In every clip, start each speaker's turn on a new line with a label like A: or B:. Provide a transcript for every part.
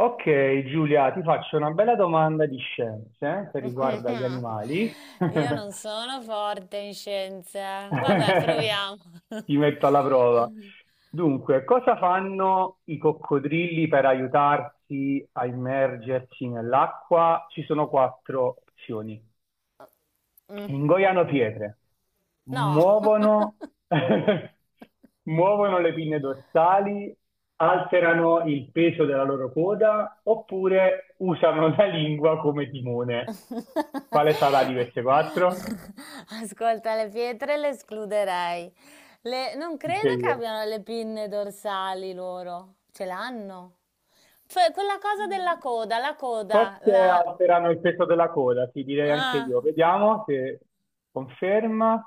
A: Ok, Giulia, ti faccio una bella domanda di scienze che riguarda gli animali.
B: Io non sono forte in scienza. Vabbè, proviamo.
A: Ti metto alla prova. Dunque, cosa fanno i coccodrilli per aiutarsi a immergersi nell'acqua? Ci sono quattro opzioni. Ingoiano pietre,
B: No.
A: muovono, muovono le pinne dorsali, alterano il peso della loro coda oppure usano la lingua come timone. Quale sarà di queste quattro?
B: Ascolta, le pietre le escluderei. Non
A: Dica
B: credo che
A: io.
B: abbiano le pinne dorsali loro. Ce l'hanno. Cioè, quella cosa della coda, la coda,
A: Forse
B: la.
A: alterano il peso della coda, ti direi anche
B: Ah.
A: io. Vediamo se conferma.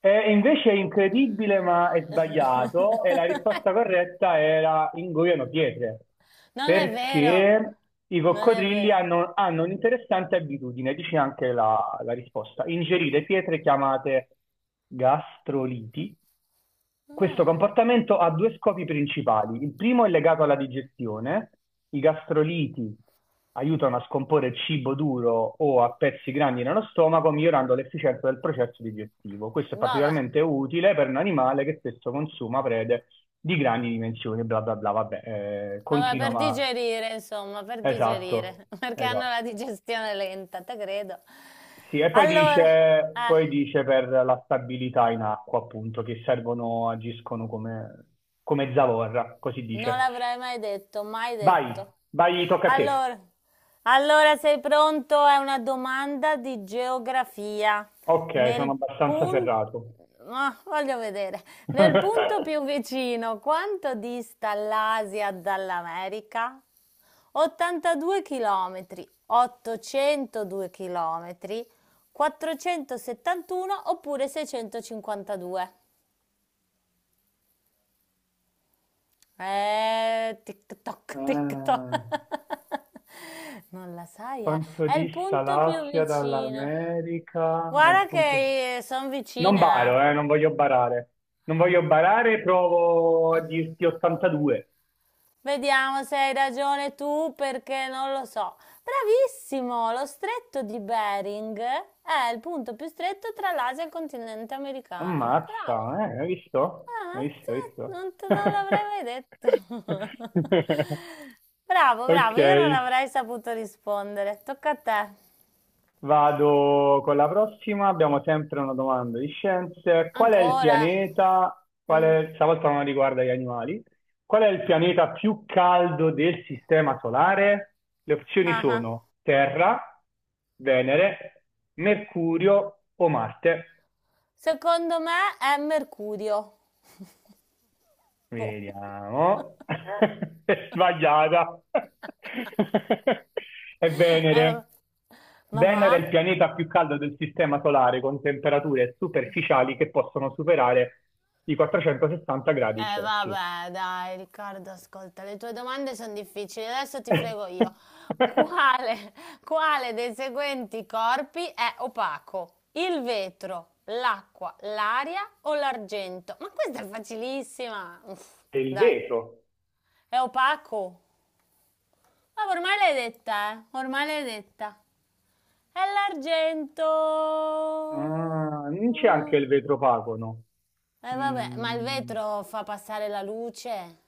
A: E invece è incredibile, ma è sbagliato. E la risposta corretta era ingoiano pietre,
B: Non è vero.
A: perché i
B: Non è
A: coccodrilli
B: vero.
A: hanno un'interessante abitudine, dice anche la risposta, ingerire pietre chiamate gastroliti. Questo
B: Ah.
A: comportamento ha due scopi principali. Il primo è legato alla digestione. I gastroliti aiutano a scomporre il cibo duro o a pezzi grandi nello stomaco, migliorando l'efficienza del processo digestivo. Questo è
B: Vabbè.
A: particolarmente utile per un animale che spesso consuma prede di grandi dimensioni, bla bla bla, vabbè,
B: Vabbè,
A: continua,
B: per
A: ma
B: digerire, insomma, per
A: esatto,
B: digerire, perché hanno
A: esatto.
B: la digestione lenta, te credo.
A: Sì, e poi
B: Allora,
A: dice,
B: eh,
A: poi dice per la stabilità in acqua, appunto, che servono, agiscono come, come zavorra, così
B: non
A: dice.
B: l'avrei mai detto, mai
A: Vai,
B: detto.
A: vai, tocca a te.
B: Allora, allora sei pronto? È una domanda di geografia.
A: Ok,
B: Nel
A: sono abbastanza
B: punto,
A: ferrato.
B: ah, voglio vedere, nel punto più vicino, quanto dista l'Asia dall'America? 82 chilometri, 802 chilometri, 471 oppure 652. Tic-toc, tic-toc.
A: Eh,
B: Non la sai, eh?
A: quanto
B: È il
A: dista
B: punto più
A: l'Asia
B: vicino.
A: dall'America? Dal
B: Guarda
A: punto...
B: che sono
A: Non
B: vicina, eh.
A: baro, non voglio barare. Non voglio barare, provo a dirti 82.
B: Vediamo se hai ragione tu perché non lo so. Bravissimo, lo stretto di Bering è il punto più stretto tra l'Asia e il continente americano. Bravo.
A: Ammazza, hai visto?
B: Ah,
A: Hai visto, hai
B: cioè,
A: visto?
B: non te non l'avrei mai detto. Bravo,
A: Ok,
B: bravo, io non avrei saputo rispondere. Tocca a te.
A: vado con la prossima. Abbiamo sempre una domanda di scienze. Qual è il
B: Ancora?
A: pianeta? Qual
B: Mm.
A: è, stavolta non riguarda gli animali. Qual è il pianeta più caldo del sistema solare? Le opzioni
B: Ah ah.
A: sono Terra, Venere, Mercurio o Marte.
B: Secondo me è Mercurio. Boh.
A: Vediamo. È sbagliata. È
B: Eh,
A: Venere.
B: va- ma va?
A: Venere è il pianeta più caldo del Sistema Solare, con temperature superficiali che possono superare i 460 gradi
B: Eh
A: Celsius.
B: vabbè, dai, Riccardo, ascolta, le tue domande sono difficili, adesso ti frego io. Quale, quale dei seguenti corpi è opaco? Il vetro, l'acqua, l'aria o l'argento? Ma questa è facilissima. Uff,
A: E il
B: dai,
A: vetro.
B: è opaco. Ma ormai l'hai detta, eh? Ormai l'hai detta. È l'argento.
A: Ah, non c'è anche
B: Mm.
A: il vetrofagono.
B: Vabbè, ma il
A: Mm,
B: vetro fa passare la luce?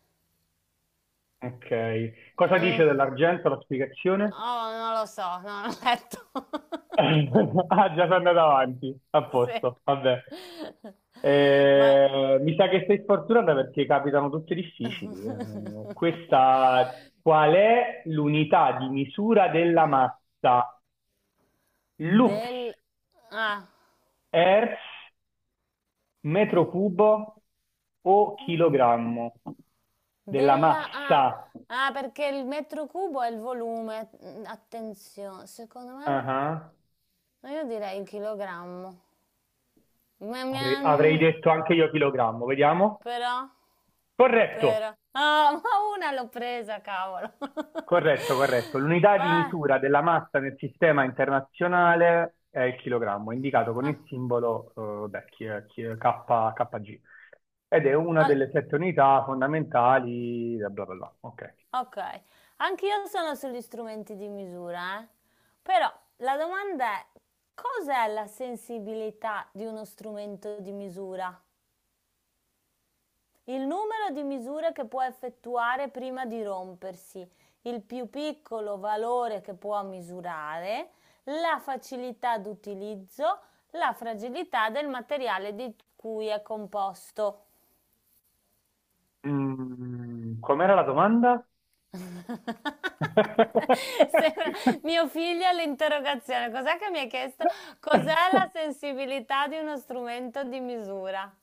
A: ok. Cosa dice
B: Mm.
A: dell'argento la spiegazione?
B: No, non lo so, non ho letto.
A: Ah, già sono andato avanti. A
B: Sì.
A: posto, vabbè.
B: Vai.
A: Mi sa che sei sfortunata perché capitano tutte difficili. Questa, qual è l'unità di misura della massa? Lux,
B: Del. Ah.
A: hertz,
B: Mm?
A: metro cubo o
B: Mm?
A: chilogrammo? Della
B: Della. Ah.
A: massa.
B: Ah, perché il metro cubo è il volume. Mm, attenzione, secondo me.
A: Ah, ah.
B: No, io direi il chilogrammo. Ma-
A: Avrei,
B: ma-
A: avrei
B: mm,
A: detto anche io chilogrammo, vediamo.
B: Però,
A: Corretto.
B: Ah, oh, ma una l'ho presa, cavolo.
A: Corretto, corretto. L'unità di
B: Ma,
A: misura della massa nel sistema internazionale è il chilogrammo, indicato con
B: ah,
A: il simbolo beh, kg, ed è una
B: ah,
A: delle sette unità fondamentali, bla bla bla. Ok.
B: ok, anch'io sono sugli strumenti di misura, eh. Però la domanda è, cos'è la sensibilità di uno strumento di misura? Il numero di misure che può effettuare prima di rompersi, il più piccolo valore che può misurare, la facilità d'utilizzo, la fragilità del materiale di cui è composto.
A: Mm, com'era la domanda?
B: Sembra mio figlio all'interrogazione. Cos'è che mi ha chiesto? Cos'è la sensibilità di uno strumento di misura?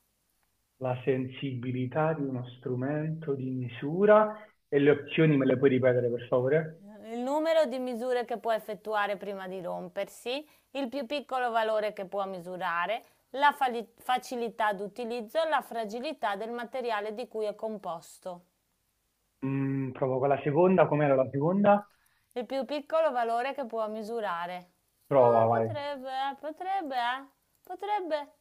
A: La sensibilità di uno strumento di misura, e le opzioni me le puoi ripetere per favore?
B: Il numero di misure che può effettuare prima di rompersi, il più piccolo valore che può misurare, la facilità d'utilizzo, la fragilità del materiale di cui è composto.
A: Mm, provo con la seconda, com'era la seconda?
B: Il più piccolo valore che può misurare. Ah,
A: Prova, vai.
B: potrebbe.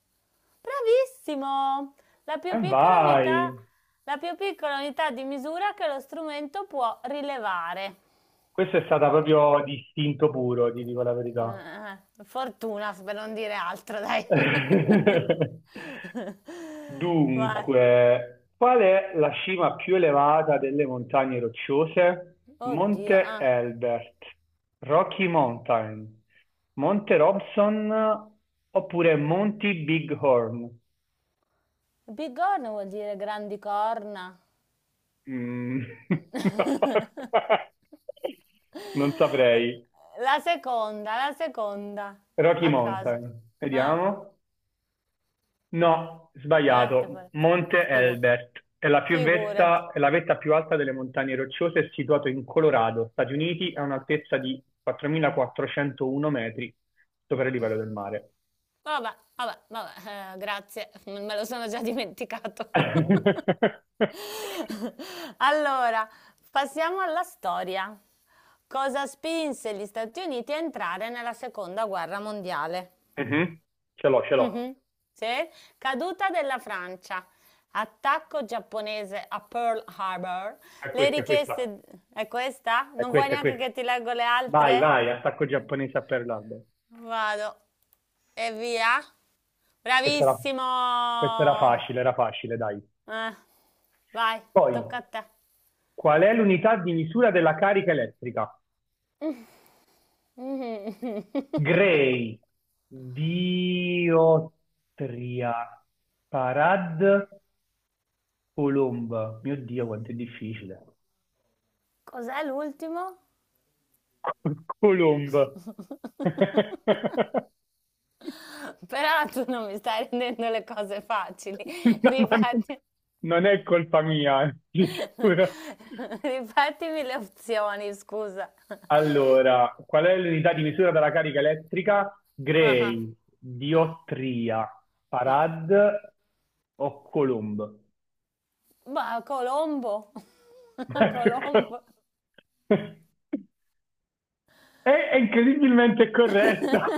B: Bravissimo! La più
A: E
B: piccola
A: vai,
B: unità, la più piccola unità di misura che lo strumento può rilevare.
A: questo è stata proprio di istinto puro, ti dico la verità.
B: Eh, fortuna, per non dire altro, dai. Vai.
A: Dunque, qual è la cima più elevata delle montagne rocciose?
B: Oddio,
A: Monte
B: ah.
A: Elbert, Rocky Mountain, Monte Robson oppure Monti Bighorn?
B: Bigorna vuol dire grandi corna.
A: Mm. Non saprei.
B: La seconda,
A: Rocky
B: a caso.
A: Mountain,
B: Ah,
A: vediamo. No,
B: guardate
A: sbagliato.
B: pure. No,
A: Monte Elbert è la,
B: figurati.
A: è la vetta più alta delle montagne rocciose, è situato in Colorado, Stati Uniti, a un'altezza di 4.401 metri sopra il livello del mare.
B: Vabbè, vabbè, vabbè, grazie, me lo sono già dimenticato. Allora, passiamo alla storia. Cosa spinse gli Stati Uniti a entrare nella seconda guerra mondiale?
A: Mhm. Ce l'ho, ce l'ho.
B: Mhm. Sì? Caduta della Francia, attacco giapponese a Pearl Harbor,
A: È
B: le
A: questa, è questa.
B: richieste. È questa?
A: È
B: Non vuoi
A: questa, è
B: neanche
A: questa.
B: che ti leggo le
A: Vai,
B: altre?
A: vai, attacco giapponese a Pearl Harbor.
B: Vado. E via.
A: Questa era,
B: Bravissimo.
A: questa era facile, dai.
B: Eh, vai,
A: Poi,
B: tocca a te.
A: qual è l'unità di misura della carica elettrica? Grey, Diotria, Parad, Colomba. Mio Dio, quanto è difficile.
B: Cos'è l'ultimo?
A: Colomba.
B: Però tu non mi stai rendendo le cose facili.
A: No, ma non
B: Ripeti.
A: non è colpa mia, di sicuro.
B: Ripetimi le opzioni, scusa.
A: Allora, qual è l'unità di misura della carica elettrica?
B: Ah, ah,
A: Gray,
B: ah,
A: diottria,
B: no.
A: farad o coulomb?
B: Ma Colombo.
A: Ma che cazzo?
B: Colombo.
A: È incredibilmente corretto.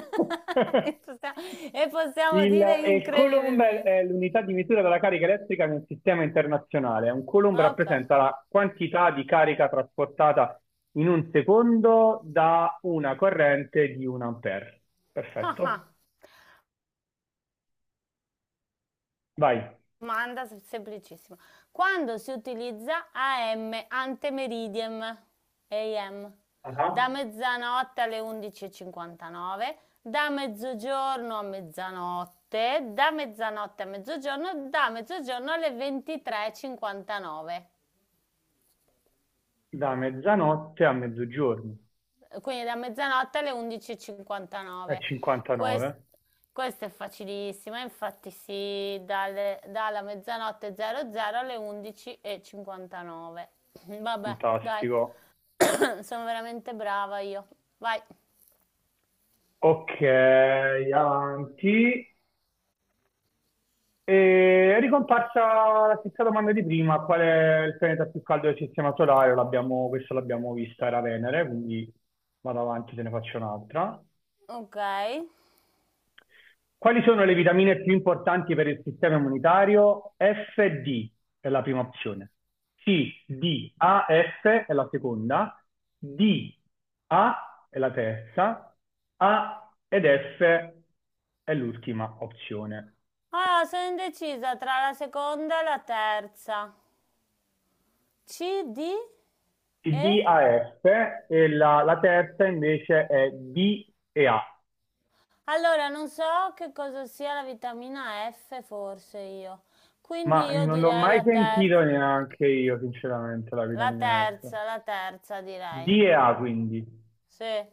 B: E possiamo, e possiamo
A: Il,
B: dire
A: e Coulomb è
B: incredibilmente.
A: è l'unità di misura della carica elettrica nel sistema internazionale. Un Coulomb
B: Ok.
A: rappresenta la quantità di carica trasportata in un secondo da una corrente di un ampere.
B: Ah,
A: Perfetto.
B: ah,
A: Vai.
B: domanda semplicissima. Quando si utilizza AM, ante meridiem, AM, da
A: Ah,
B: mezzanotte alle 11.59, da mezzogiorno a mezzanotte, da mezzanotte a mezzogiorno, da mezzogiorno alle 23.59.
A: da mezzanotte a mezzogiorno.
B: Quindi da mezzanotte alle
A: È
B: 11.59. Quest-
A: 59.
B: Questo è facilissimo, infatti si dalla mezzanotte 00 alle 11.59. Vabbè, dai,
A: Fantastico.
B: sono veramente brava io. Vai.
A: Ok, avanti. E è ricomparsa la stessa domanda di prima, qual è il pianeta più caldo del sistema solare? L'abbiamo- questo l'abbiamo vista, era Venere, quindi vado avanti, te ne faccio un'altra.
B: Ok.
A: Quali sono le vitamine più importanti per il sistema immunitario? F, D è la prima opzione. C, D, A, F è la seconda. D, A è la terza. A ed F è l'ultima opzione.
B: Allora, sono indecisa tra la seconda e la terza. C, D e.
A: DAF e la terza invece è DEA,
B: Allora, non so che cosa sia la vitamina F, forse io. Quindi
A: ma
B: io
A: non l'ho
B: direi
A: mai
B: la terza.
A: sentito neanche io, sinceramente, la
B: La
A: vitamina F.
B: terza, la terza direi.
A: DEA quindi.
B: Sì.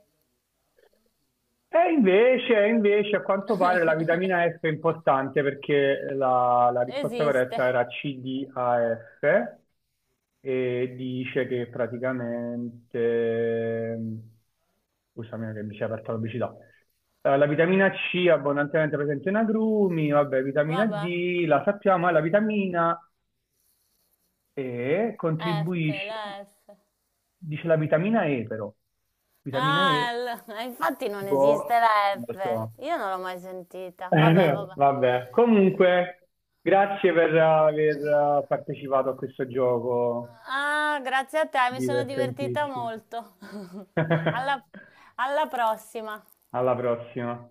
A: E invece, a quanto pare la vitamina F è importante perché la risposta
B: Esiste.
A: corretta era CDAF e dice che praticamente, scusami che mi si è aperta la pubblicità, eh, la vitamina C è abbondantemente presente in agrumi, vabbè, vitamina
B: Vabbè.
A: D, la sappiamo, e la vitamina E
B: F,
A: contribuisce,
B: la F.
A: dice la vitamina E però, vitamina
B: Ah,
A: E,
B: l- infatti non esiste
A: boh,
B: la
A: non lo
B: F.
A: so.
B: Io non l'ho mai sentita. Vabbè, vabbè.
A: Vabbè, comunque, grazie per aver partecipato a questo gioco
B: Ah, grazie a te, mi sono divertita
A: divertentissimo.
B: molto. alla alla prossima.
A: Alla prossima.